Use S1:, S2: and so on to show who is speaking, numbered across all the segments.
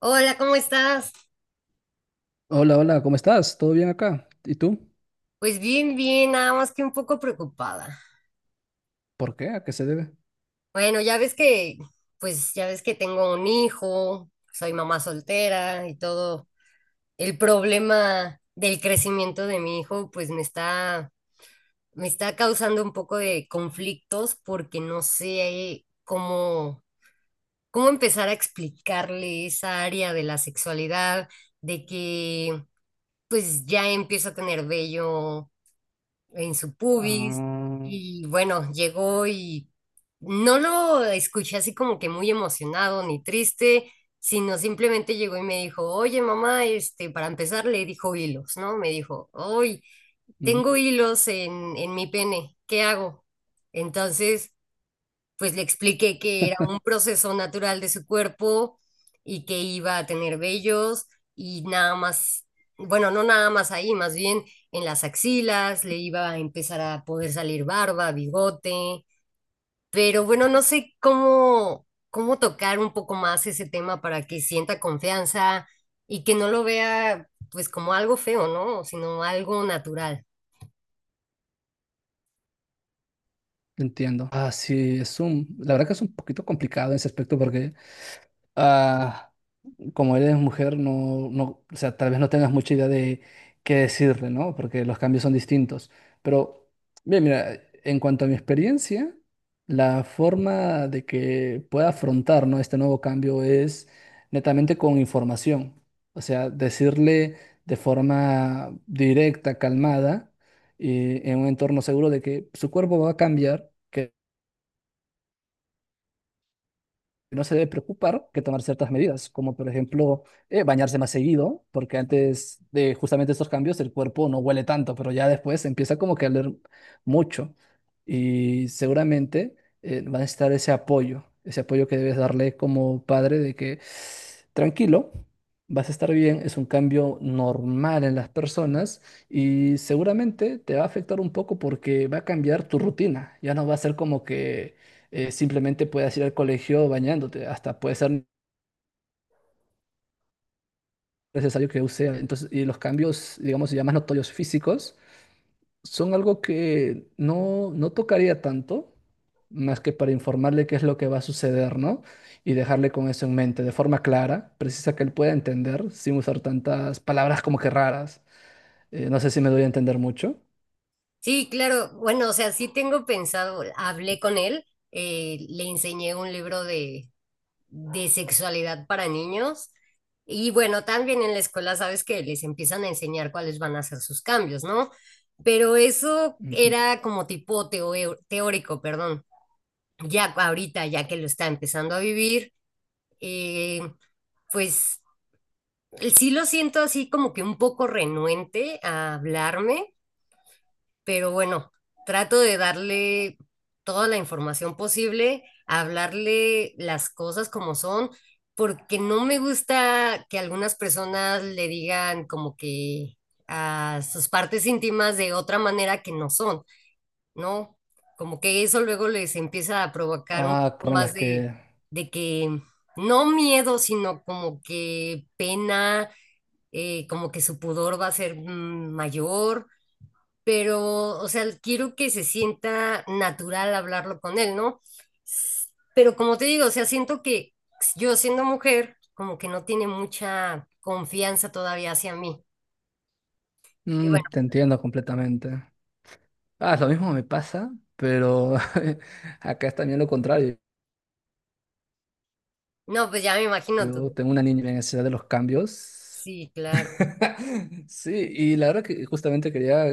S1: Hola, ¿cómo estás?
S2: Hola, hola, ¿cómo estás? ¿Todo bien acá? ¿Y tú?
S1: Pues bien, bien, nada más que un poco preocupada.
S2: ¿Por qué? ¿A qué se debe?
S1: Bueno, pues ya ves que tengo un hijo, soy mamá soltera y todo. El problema del crecimiento de mi hijo, pues me está causando un poco de conflictos porque no sé cómo empezar a explicarle esa área de la sexualidad, de que pues ya empiezo a tener vello en su pubis
S2: Ah,
S1: y bueno, llegó y no lo escuché así como que muy emocionado ni triste, sino simplemente llegó y me dijo, oye mamá, este, para empezar le dijo hilos, ¿no? Me dijo, hoy
S2: mm,
S1: tengo hilos en mi pene, ¿qué hago? Entonces pues le expliqué que era un proceso natural de su cuerpo y que iba a tener vellos y nada más, bueno, no nada más ahí, más bien en las axilas, le iba a empezar a poder salir barba, bigote, pero bueno, no sé cómo tocar un poco más ese tema para que sienta confianza y que no lo vea pues como algo feo, ¿no? Sino algo natural.
S2: entiendo. Ah, sí, la verdad que es un poquito complicado en ese aspecto porque ah, como eres mujer, no, no, o sea, tal vez no tengas mucha idea de qué decirle, ¿no? Porque los cambios son distintos. Pero, bien, mira, en cuanto a mi experiencia, la forma de que pueda afrontar, ¿no?, este nuevo cambio es netamente con información. O sea, decirle de forma directa, calmada, y en un entorno seguro de que su cuerpo va a cambiar. No se debe preocupar, que tomar ciertas medidas, como por ejemplo bañarse más seguido, porque antes de justamente estos cambios el cuerpo no huele tanto, pero ya después empieza como que a oler mucho, y seguramente va a necesitar ese apoyo que debes darle como padre de que tranquilo. Vas a estar bien, es un cambio normal en las personas y seguramente te va a afectar un poco porque va a cambiar tu rutina. Ya no va a ser como que simplemente puedas ir al colegio bañándote, hasta puede ser necesario que use. Entonces, y los cambios, digamos, ya más notorios físicos, son algo que no, no tocaría tanto, más que para informarle qué es lo que va a suceder, ¿no? Y dejarle con eso en mente, de forma clara, precisa, que él pueda entender, sin usar tantas palabras como que raras. No sé si me doy a entender mucho.
S1: Sí, claro. Bueno, o sea, sí tengo pensado, hablé con él, le enseñé un libro de sexualidad para niños y bueno, también en la escuela sabes que les empiezan a enseñar cuáles van a ser sus cambios, ¿no? Pero eso
S2: Ujú.
S1: era como tipo teórico, perdón. Ya ahorita, ya que lo está empezando a vivir, eh, pues sí lo siento así como que un poco renuente a hablarme pero bueno, trato de darle toda la información posible, hablarle las cosas como son, porque no me gusta que algunas personas le digan como que a sus partes íntimas de otra manera que no son, ¿no? Como que eso luego les empieza a provocar un
S2: Ah,
S1: poco
S2: con las
S1: más de,
S2: que...
S1: de que, no miedo, sino como que pena, como que su pudor va a ser mayor pero, o sea, quiero que se sienta natural hablarlo con él, ¿no? S- Pero como te digo, o sea, siento que yo siendo mujer, como que no tiene mucha confianza todavía hacia mí. Y
S2: Mm,
S1: bueno,
S2: te entiendo completamente. Ah, lo mismo me pasa, pero acá es también lo contrario.
S1: no, pues ya me imagino
S2: Yo
S1: tú.
S2: tengo una niña en necesidad de los cambios.
S1: Sí, claro.
S2: Sí, y la verdad que justamente quería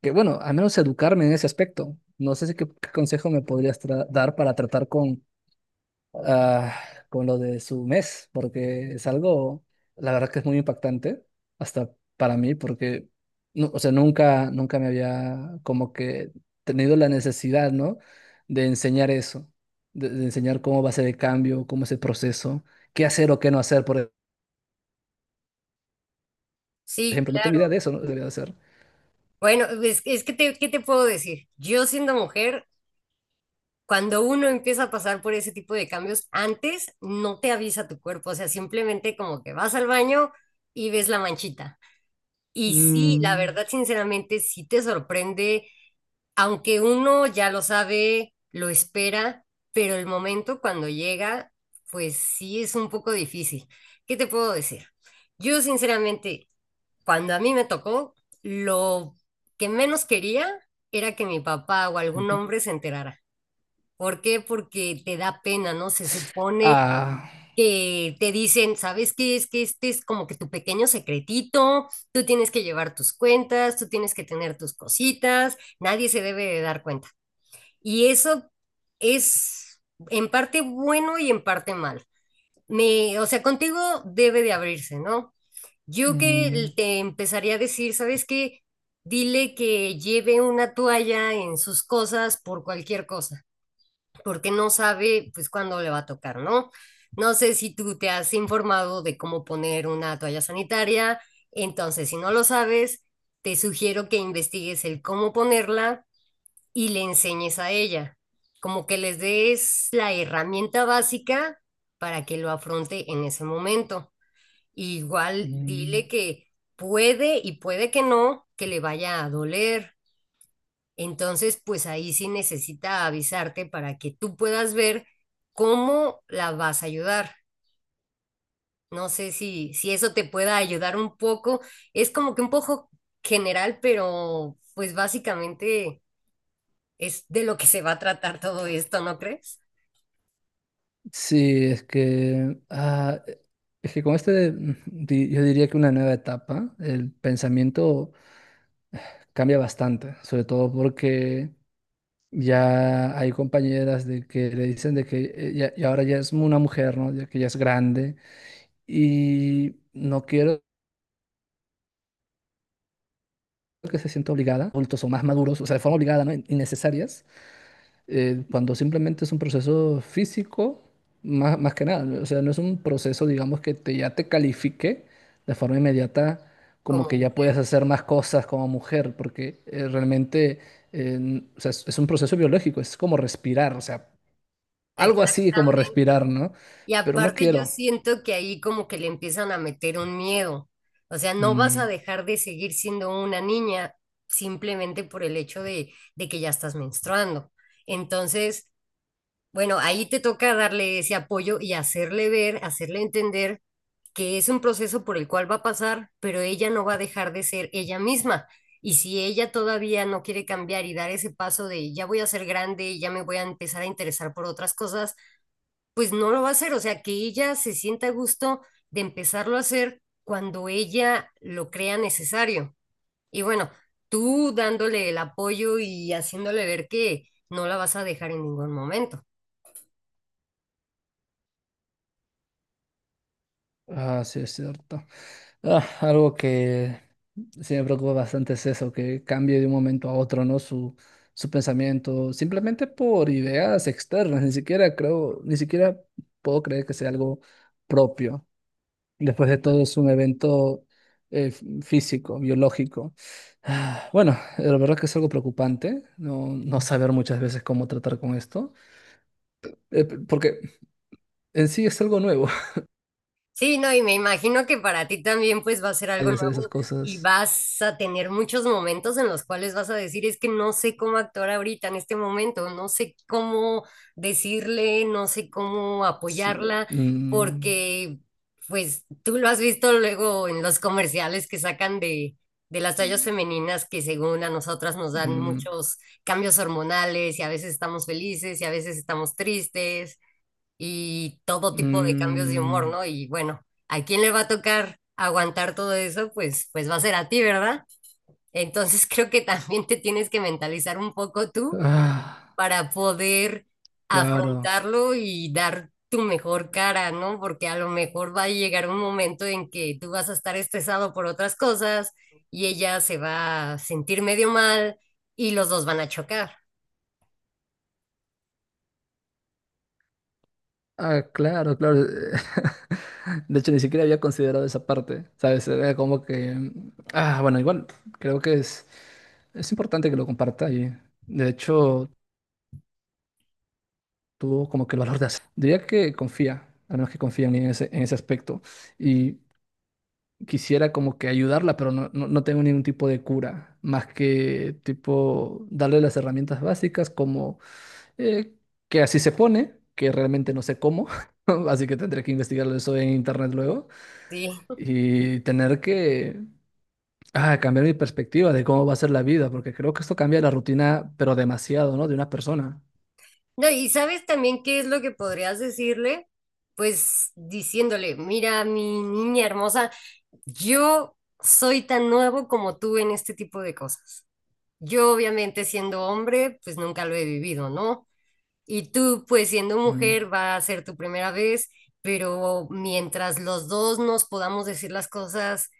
S2: que, bueno, al menos educarme en ese aspecto. No sé si qué, qué consejo me podrías dar para tratar con ah, con lo de su mes, porque es algo, la verdad que es muy impactante, hasta para mí, porque, no, o sea, nunca, nunca me había como que tenido la necesidad, ¿no? De enseñar eso, de enseñar cómo va a ser el cambio, cómo es el proceso, qué hacer o qué no hacer, por
S1: Sí,
S2: ejemplo, no tengo idea
S1: claro.
S2: de eso, ¿no? Debería de hacer.
S1: Bueno, es que te, ¿qué te puedo decir? Yo siendo mujer, cuando uno empieza a pasar por ese tipo de cambios, antes no te avisa tu cuerpo, o sea, simplemente como que vas al baño y ves la manchita. Y sí, la
S2: Mm,
S1: verdad, sinceramente, sí te sorprende, aunque uno ya lo sabe, lo espera, pero el momento cuando llega, pues sí es un poco difícil. ¿Qué te puedo decir? Yo, sinceramente, cuando a mí me tocó, lo que menos quería era que mi papá o algún
S2: ujú.
S1: hombre se enterara. ¿Por qué? Porque te da pena, ¿no? Se supone
S2: Ah,
S1: que te dicen, ¿sabes qué? Es que este es como que tu pequeño secretito, tú tienes que llevar tus cuentas, tú tienes que tener tus cositas, nadie se debe de dar cuenta. Y eso es en parte bueno y en parte mal. Me, o sea, contigo debe de abrirse, ¿no? Yo
S2: mm,
S1: que te empezaría a decir, ¿sabes qué? Dile que lleve una toalla en sus cosas por cualquier cosa porque no sabe pues cuándo le va a tocar, ¿no? No sé si tú te has informado de cómo poner una toalla sanitaria, entonces si no lo sabes, te sugiero que investigues el cómo ponerla y le enseñes a ella, como que les des la herramienta básica para que lo afronte en ese momento. Igual
S2: mm.
S1: dile que puede y puede que no, que le vaya a doler, entonces, pues ahí sí necesita avisarte para que tú puedas ver cómo la vas a ayudar. No sé si eso te pueda ayudar un poco. Es como que un poco general, pero pues básicamente es de lo que se va a tratar todo esto, ¿no crees?
S2: Sí, es que, es que con este, mm, yo diría que una nueva etapa, el pensamiento cambia bastante, sobre todo porque ya hay compañeras de que le dicen de que ya, y ahora ya es una mujer, ¿no? Ya que ya es grande, y no quiero que se sienta obligada, adultos o más maduros, o sea, de forma obligada, ¿no? Innecesarias cuando simplemente es un proceso físico, más, más que nada, o sea, no es un proceso, digamos, que te, ya te califique de forma inmediata como
S1: Como
S2: que ya puedes
S1: mujer.
S2: hacer más cosas como mujer, porque realmente o sea, es un proceso biológico, es como respirar, o sea, algo así como
S1: Exactamente.
S2: respirar, ¿no?
S1: Y
S2: Pero no
S1: aparte yo
S2: quiero.
S1: siento que ahí como que le empiezan a meter un miedo. O sea, no vas a
S2: Mm,
S1: dejar de seguir siendo una niña simplemente por el hecho de que ya estás menstruando. Entonces, bueno, ahí te toca darle ese apoyo y hacerle ver, hacerle entender que es un proceso por el cual va a pasar, pero ella no va a dejar de ser ella misma. Y si ella todavía no quiere cambiar y dar ese paso de ya voy a ser grande, ya me voy a empezar a interesar por otras cosas, pues no lo va a hacer, o sea, que ella se sienta a gusto de empezarlo a hacer cuando ella lo crea necesario. Y bueno, tú dándole el apoyo y haciéndole ver que no la vas a dejar en ningún momento.
S2: ah, sí, es cierto. Ah, algo que sí me preocupa bastante es eso, que cambie de un momento a otro, ¿no? Su pensamiento, simplemente por ideas externas, ni siquiera creo, ni siquiera puedo creer que sea algo propio. Después de todo es un evento físico, biológico. Ah, bueno, la verdad que es algo preocupante, no, no saber muchas veces cómo tratar con esto, porque en sí es algo nuevo.
S1: Sí, no, y me imagino que para ti también pues va a ser algo
S2: Hay hacer esas
S1: nuevo y
S2: cosas.
S1: vas a tener muchos momentos en los cuales vas a decir, es que no sé cómo actuar ahorita en este momento, no sé cómo decirle, no sé cómo
S2: Sí,
S1: apoyarla,
S2: mm,
S1: porque pues tú lo has visto luego en los comerciales que sacan de las tallas femeninas que según a nosotras nos dan
S2: mm.
S1: muchos cambios hormonales y a veces estamos felices y a veces estamos tristes y todo tipo de cambios de humor,
S2: Mm,
S1: ¿no? Y bueno, ¿a quién le va a tocar aguantar todo eso? Pues va a ser a ti, ¿verdad? Entonces creo que también te tienes que mentalizar un poco tú
S2: ah,
S1: para poder
S2: claro.
S1: afrontarlo y dar tu mejor cara, ¿no? Porque a lo mejor va a llegar un momento en que tú vas a estar estresado por otras cosas y ella se va a sentir medio mal y los dos van a chocar,
S2: Ah, claro, claro. De hecho, ni siquiera había considerado esa parte, ¿sabes? Era como que... mm, ah, bueno, igual creo que es importante que lo comparta, y de hecho tuvo como que el valor de hacer. Diría que confía, al menos que confía en mí en ese aspecto, y quisiera como que ayudarla, pero no, no, no tengo ningún tipo de cura, más que tipo darle las herramientas básicas como... eh, que así se pone, que realmente no sé cómo, así que tendré que investigarlo eso en internet luego,
S1: ¿sí?
S2: y tener que cambiar mi perspectiva de cómo va a ser la vida, porque creo que esto cambia la rutina, pero demasiado, ¿no?, de una persona.
S1: No, y sabes también qué es lo que podrías decirle, pues diciéndole, mira, mi niña hermosa, yo soy tan nuevo como tú en este tipo de cosas. Yo obviamente siendo hombre, pues nunca lo he vivido, ¿no? Y tú, pues siendo
S2: Mm.
S1: mujer, va a ser tu primera vez, pero mientras los dos nos podamos decir las cosas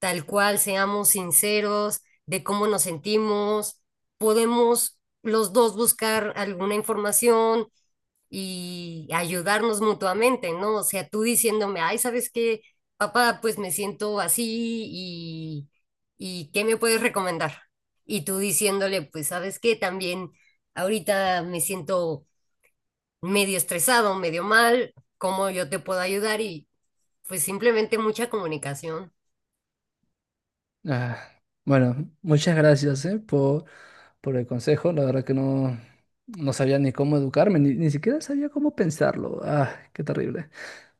S1: tal cual, seamos sinceros de cómo nos sentimos, podemos los dos buscar alguna información y ayudarnos mutuamente, ¿no? O sea, tú diciéndome, ay, ¿sabes qué? Papá, pues me siento así y, y ¿qué me puedes recomendar? Y tú diciéndole, pues, ¿sabes qué? También ahorita me siento medio estresado, medio mal, ¿cómo yo te puedo ayudar? Y pues simplemente mucha comunicación.
S2: Ah, bueno, muchas gracias, por el consejo. La verdad que no, no sabía ni cómo educarme, ni, ni siquiera sabía cómo pensarlo. Ah, qué terrible.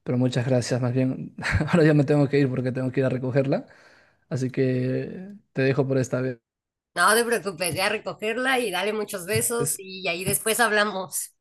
S2: Pero muchas gracias, más bien. Ahora ya me tengo que ir porque tengo que ir a recogerla. Así que te dejo por esta
S1: No te preocupes, ya recogerla y dale muchos besos
S2: vez.
S1: y ahí después hablamos.